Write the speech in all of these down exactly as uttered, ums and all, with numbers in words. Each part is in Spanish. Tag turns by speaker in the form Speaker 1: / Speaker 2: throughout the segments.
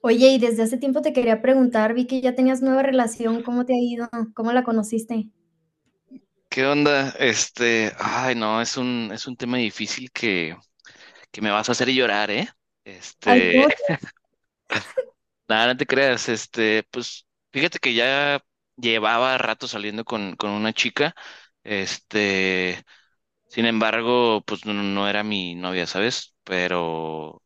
Speaker 1: Oye, y desde hace tiempo te quería preguntar, vi que ya tenías nueva relación, ¿cómo te ha ido? ¿Cómo la conociste?
Speaker 2: ¿Qué onda? Este, ay, no, es un, es un tema difícil que, que me vas a hacer llorar, ¿eh?
Speaker 1: Ay,
Speaker 2: Este,
Speaker 1: ¿cómo,
Speaker 2: Nada, no te creas, este, pues, fíjate que ya llevaba rato saliendo con, con una chica, este, sin embargo, pues no, no era mi novia, ¿sabes? Pero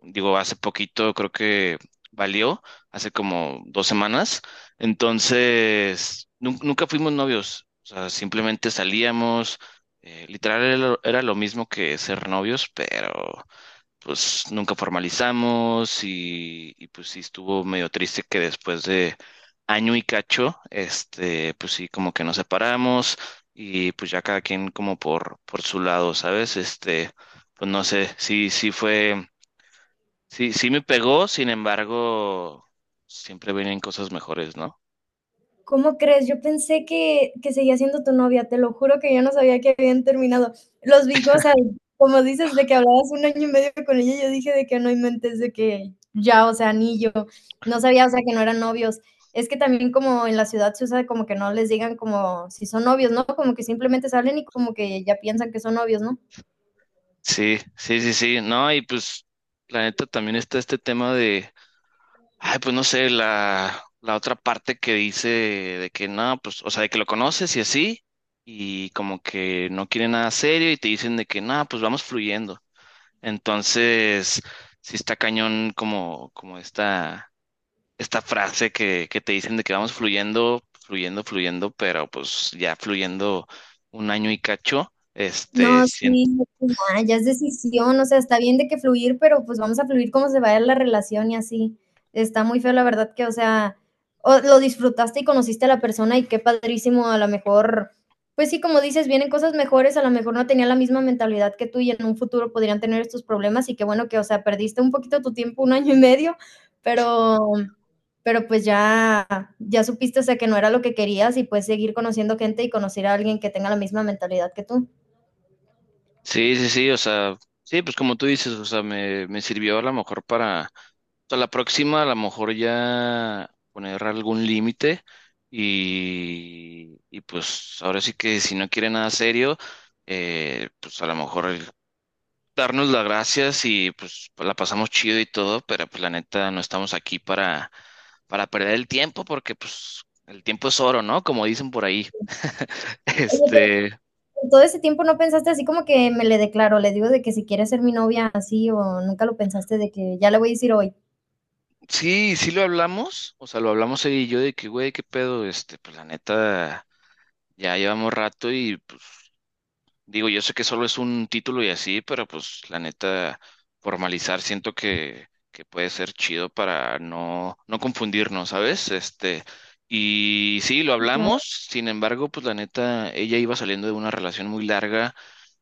Speaker 2: digo, hace poquito creo que valió, hace como dos semanas. Entonces, nun- nunca fuimos novios, o sea, simplemente salíamos, eh, literal era lo, era lo mismo que ser novios, pero pues nunca formalizamos y, y pues sí estuvo medio triste que después de año y cacho, este, pues sí, como que nos separamos y pues ya cada quien como por, por su lado, ¿sabes? Este, pues no sé, sí, sí fue. Sí, sí me pegó, sin embargo, siempre vienen cosas mejores, ¿no?
Speaker 1: cómo crees? Yo pensé que, que seguía siendo tu novia, te lo juro que yo no sabía que habían terminado. Los vi, o sea, como dices, de que hablabas un año y medio con ella, yo dije de que no inventes, de que ya, o sea, ni yo, no sabía, o sea, que no eran novios. Es que también como en la ciudad se usa como que no les digan como si son novios, ¿no? Como que simplemente salen y como que ya piensan que son novios, ¿no?
Speaker 2: Sí, sí, sí, sí, no, y pues, la neta también está este tema de, ay, pues no sé, la, la otra parte que dice de que no, pues, o sea, de que lo conoces y así, y como que no quiere nada serio y te dicen de que no, pues vamos fluyendo. Entonces, sí está cañón como, como esta esta frase que, que te dicen de que vamos fluyendo, fluyendo, fluyendo, pero pues ya fluyendo un año y cacho, este,
Speaker 1: No,
Speaker 2: sien-
Speaker 1: sí, pues ya, ya es decisión, o sea, está bien de que fluir, pero pues vamos a fluir como se vaya la relación y así. Está muy feo, la verdad que, o sea, o lo disfrutaste y conociste a la persona y qué padrísimo, a lo mejor, pues sí, como dices, vienen cosas mejores, a lo mejor no tenía la misma mentalidad que tú y en un futuro podrían tener estos problemas y qué bueno que, o sea, perdiste un poquito tu tiempo, un año y medio, pero pero pues ya ya supiste, o sea, que no era lo que querías y puedes seguir conociendo gente y conocer a alguien que tenga la misma mentalidad que tú.
Speaker 2: sí, sí, sí, o sea, sí, pues como tú dices, o sea, me, me sirvió a lo mejor para, para la próxima, a lo mejor ya poner algún límite y, y pues ahora sí que si no quiere nada serio, eh, pues a lo mejor darnos las gracias y pues pues, la pasamos chido y todo, pero pues la neta no estamos aquí para, para perder el tiempo porque pues el tiempo es oro, ¿no? Como dicen por ahí.
Speaker 1: Oye, pero
Speaker 2: Este,
Speaker 1: en todo ese tiempo no pensaste así como que me le declaro, le digo de que si quiere ser mi novia así o nunca lo pensaste de que ya le voy a decir hoy.
Speaker 2: sí, sí lo hablamos, o sea, lo hablamos él y yo de que, güey, qué pedo, este, pues la neta ya llevamos rato y pues digo, yo sé que solo es un título y así, pero pues la neta, formalizar siento que, que puede ser chido para no, no confundirnos, ¿sabes? Este, y sí, lo
Speaker 1: Sí, claro.
Speaker 2: hablamos, sin embargo, pues la neta, ella iba saliendo de una relación muy larga,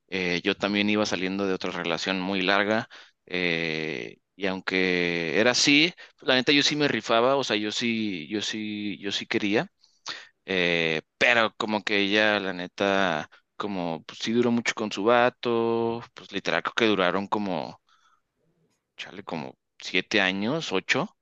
Speaker 2: eh, yo también iba saliendo de otra relación muy larga, eh, y aunque era así, pues, la neta yo sí me rifaba, o sea, yo sí, yo sí, yo sí quería. Eh, pero como que ella, la neta, como pues sí duró mucho con su vato, pues literal creo que duraron como, chale, como siete años, ocho.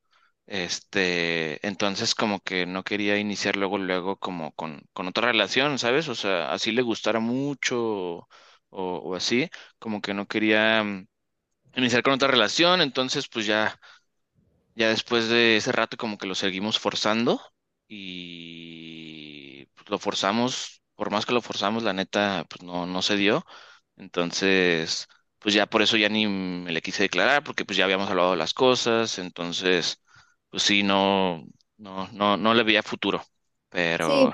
Speaker 2: Este, entonces como que no quería iniciar luego, luego como con, con otra relación, ¿sabes? O sea, así le gustara mucho o, o así, como que no quería mm, iniciar con otra relación, entonces pues ya ya después de ese rato como que lo seguimos forzando y pues, lo forzamos, por más que lo forzamos, la neta pues no, no se dio. Entonces, pues ya por eso ya ni me le quise declarar porque pues ya habíamos hablado de las cosas, entonces pues sí, no, no, no, no le veía futuro,
Speaker 1: Sí,
Speaker 2: pero,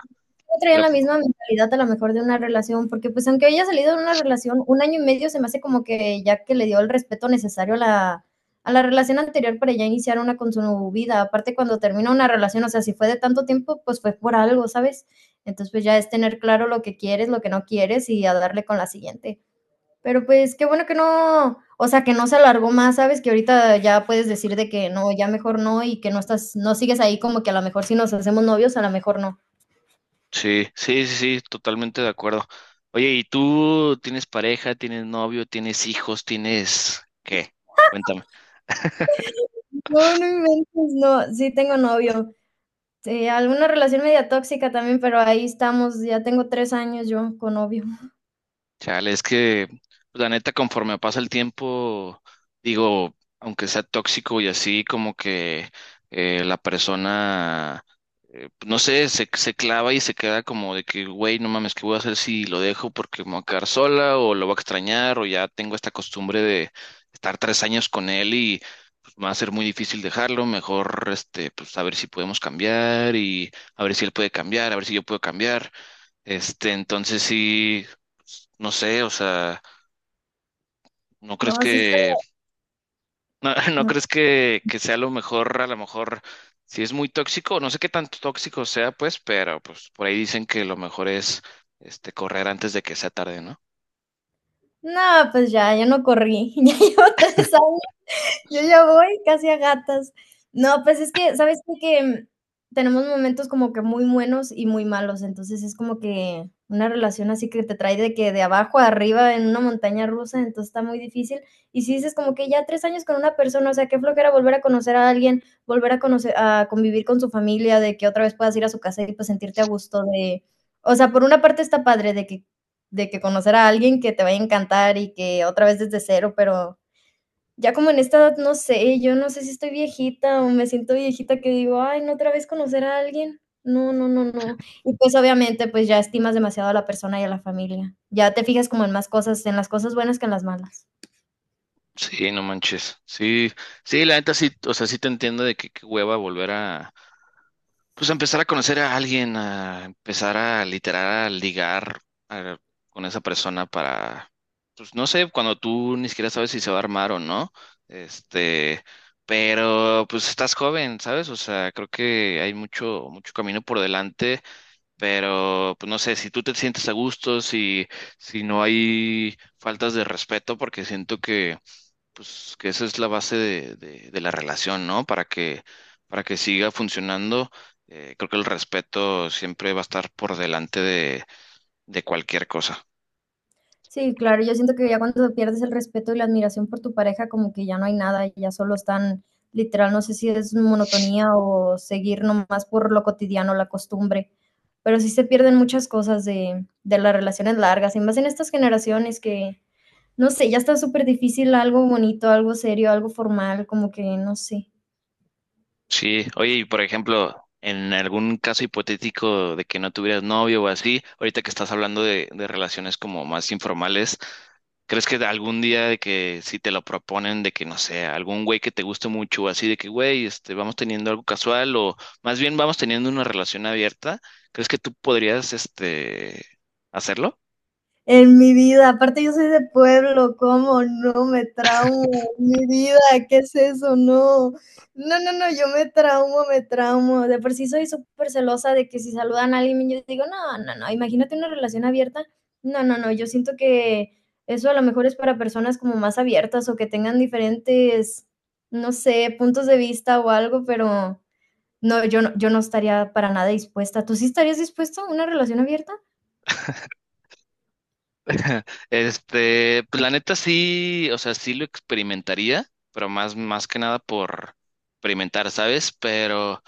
Speaker 1: no traían
Speaker 2: pero
Speaker 1: la
Speaker 2: pues,
Speaker 1: misma mentalidad a lo mejor de una relación, porque pues aunque haya salido de una relación, un año y medio se me hace como que ya que le dio el respeto necesario a la, a la relación anterior para ya iniciar una con su vida. Aparte cuando termina una relación, o sea, si fue de tanto tiempo, pues fue por algo, ¿sabes? Entonces pues ya es tener claro lo que quieres, lo que no quieres y a darle con la siguiente. Pero pues qué bueno que no, o sea, que no se alargó más, ¿sabes? Que ahorita ya puedes decir de que no, ya mejor no y que no estás, no sigues ahí como que a lo mejor si nos hacemos novios, a lo mejor no.
Speaker 2: sí, sí, sí, sí, totalmente de acuerdo. Oye, ¿y tú tienes pareja, tienes novio, tienes hijos, tienes qué? Cuéntame.
Speaker 1: No, no inventes, no, sí tengo novio. Sí, alguna relación media tóxica también, pero ahí estamos, ya tengo tres años yo con novio.
Speaker 2: Chale, es que pues, la neta, conforme pasa el tiempo, digo, aunque sea tóxico y así, como que eh, la persona, eh, no sé, se, se clava y se queda como de que, güey, no mames, ¿qué voy a hacer si lo dejo porque me voy a quedar sola o lo voy a extrañar o ya tengo esta costumbre de estar tres años con él y pues, va a ser muy difícil dejarlo, mejor, este, pues a ver si podemos cambiar y a ver si él puede cambiar, a ver si yo puedo cambiar. Este, entonces sí, pues, no sé, o sea, ¿no crees
Speaker 1: No, sí está,
Speaker 2: que, no, no
Speaker 1: no,
Speaker 2: crees que, que sea lo mejor, a lo mejor, si es muy tóxico, no sé qué tanto tóxico sea, pues, pero pues por ahí dicen que lo mejor es, este, correr antes de que sea tarde, ¿no?
Speaker 1: no, pues ya, ya no corrí, ya llevo tres años. Yo ya voy casi a gatas. No, pues es que, ¿sabes qué? Que mm, tenemos momentos como que muy buenos y muy malos, entonces es como que una relación así que te trae de que de abajo a arriba en una montaña rusa, entonces está muy difícil. Y si dices como que ya tres años con una persona, o sea, qué flojera volver a conocer a alguien, volver a conocer, a convivir con su familia, de que otra vez puedas ir a su casa y pues sentirte a gusto de, o sea, por una parte está padre de que, de que conocer a alguien que te vaya a encantar y que otra vez desde cero, pero ya como en esta edad, no sé, yo no sé si estoy viejita o me siento viejita que digo: "Ay, no, otra vez conocer a alguien". No, no, no, no. Y, pues, obviamente, pues, ya estimas demasiado a la persona y a la familia. Ya te fijas como en más cosas, en las cosas buenas que en las malas.
Speaker 2: Sí, no manches. Sí, sí, la neta sí, o sea, sí te entiendo de que qué hueva volver a, pues a empezar a conocer a alguien, a empezar a literar, a ligar a- con esa persona para, pues no sé, cuando tú ni siquiera sabes si se va a armar o no, este, pero pues estás joven, ¿sabes? O sea, creo que hay mucho, mucho camino por delante, pero pues no sé, si tú te sientes a gusto, si, si no hay faltas de respeto, porque siento que pues que esa es la base de, de- de la relación, ¿no? Para que, para que siga funcionando, eh, creo que el respeto siempre va a estar por delante de, de cualquier cosa.
Speaker 1: Sí, claro, yo siento que ya cuando pierdes el respeto y la admiración por tu pareja, como que ya no hay nada, ya solo están, literal, no sé si es monotonía o seguir nomás por lo cotidiano, la costumbre, pero sí se pierden muchas cosas de, de las relaciones largas, y más en estas generaciones que, no sé, ya está súper difícil algo bonito, algo serio, algo formal, como que no sé.
Speaker 2: Sí, oye, y por ejemplo, en algún caso hipotético de que no tuvieras novio o así, ahorita que estás hablando de, de relaciones como más informales, ¿crees que algún día de que si te lo proponen de que no sé, algún güey que te guste mucho, así de que güey, este, vamos teniendo algo casual o más bien vamos teniendo una relación abierta, ¿crees que tú podrías este hacerlo?
Speaker 1: En mi vida, aparte yo soy de pueblo, ¿cómo no? Me traumo, mi vida, ¿qué es eso? No, no, no, no, yo me traumo, me traumo. De por sí soy súper celosa de que si saludan a alguien, yo digo: "No, no, no, imagínate una relación abierta". No, no, no, yo siento que eso a lo mejor es para personas como más abiertas o que tengan diferentes, no sé, puntos de vista o algo, pero no, yo no yo no estaría para nada dispuesta. ¿Tú sí estarías dispuesto a una relación abierta?
Speaker 2: Este, pues la neta sí, o sea, sí lo experimentaría, pero más, más que nada por experimentar, ¿sabes? Pero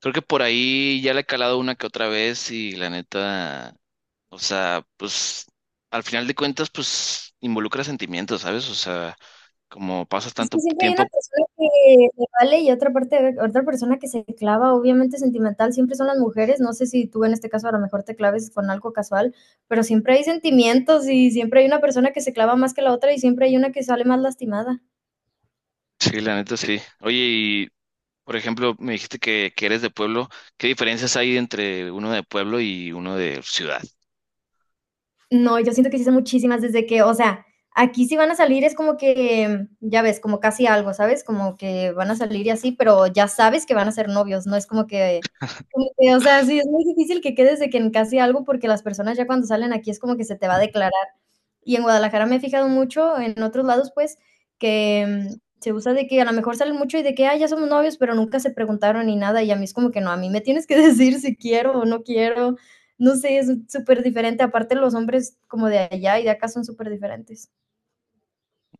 Speaker 2: creo que por ahí ya le he calado una que otra vez y la neta, o sea, pues al final de cuentas, pues involucra sentimientos, ¿sabes? O sea, como pasas
Speaker 1: Es que
Speaker 2: tanto
Speaker 1: siempre hay una
Speaker 2: tiempo,
Speaker 1: persona que le vale y otra parte, otra persona que se clava, obviamente sentimental, siempre son las mujeres, no sé si tú en este caso a lo mejor te claves con algo casual, pero siempre hay sentimientos y siempre hay una persona que se clava más que la otra y siempre hay una que sale más lastimada.
Speaker 2: sí, la neta sí. Oye, y por ejemplo, me dijiste que, que eres de pueblo, ¿qué diferencias hay entre uno de pueblo y uno de ciudad?
Speaker 1: No, yo siento que sí son muchísimas desde que, o sea, aquí sí van a salir, es como que, ya ves, como casi algo, ¿sabes? Como que van a salir y así, pero ya sabes que van a ser novios, no es como que, como que, o sea, sí, es muy difícil que quedes de que en casi algo, porque las personas ya cuando salen aquí es como que se te va a declarar. Y en Guadalajara me he fijado mucho, en otros lados, pues, que mm, se usa de que a lo mejor salen mucho y de que, ah, ya somos novios, pero nunca se preguntaron ni nada. Y a mí es como que no, a mí me tienes que decir si quiero o no quiero. No sé, es súper diferente. Aparte, los hombres como de allá y de acá son súper diferentes.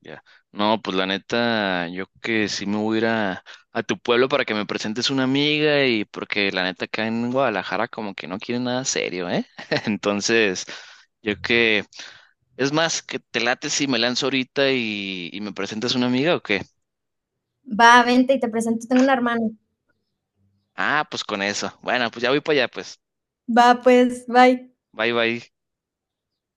Speaker 2: Ya. No, pues la neta, yo que sí me voy a ir a, a tu pueblo para que me presentes una amiga y porque la neta acá en Guadalajara como que no quieren nada serio, ¿eh? Entonces, yo que, es más, que te late si me lanzo ahorita y, y me presentas una amiga o qué.
Speaker 1: Va, vente y te presento, tengo una hermana.
Speaker 2: Ah, pues con eso. Bueno, pues ya voy para allá, pues.
Speaker 1: Va, pues, bye.
Speaker 2: Bye, bye.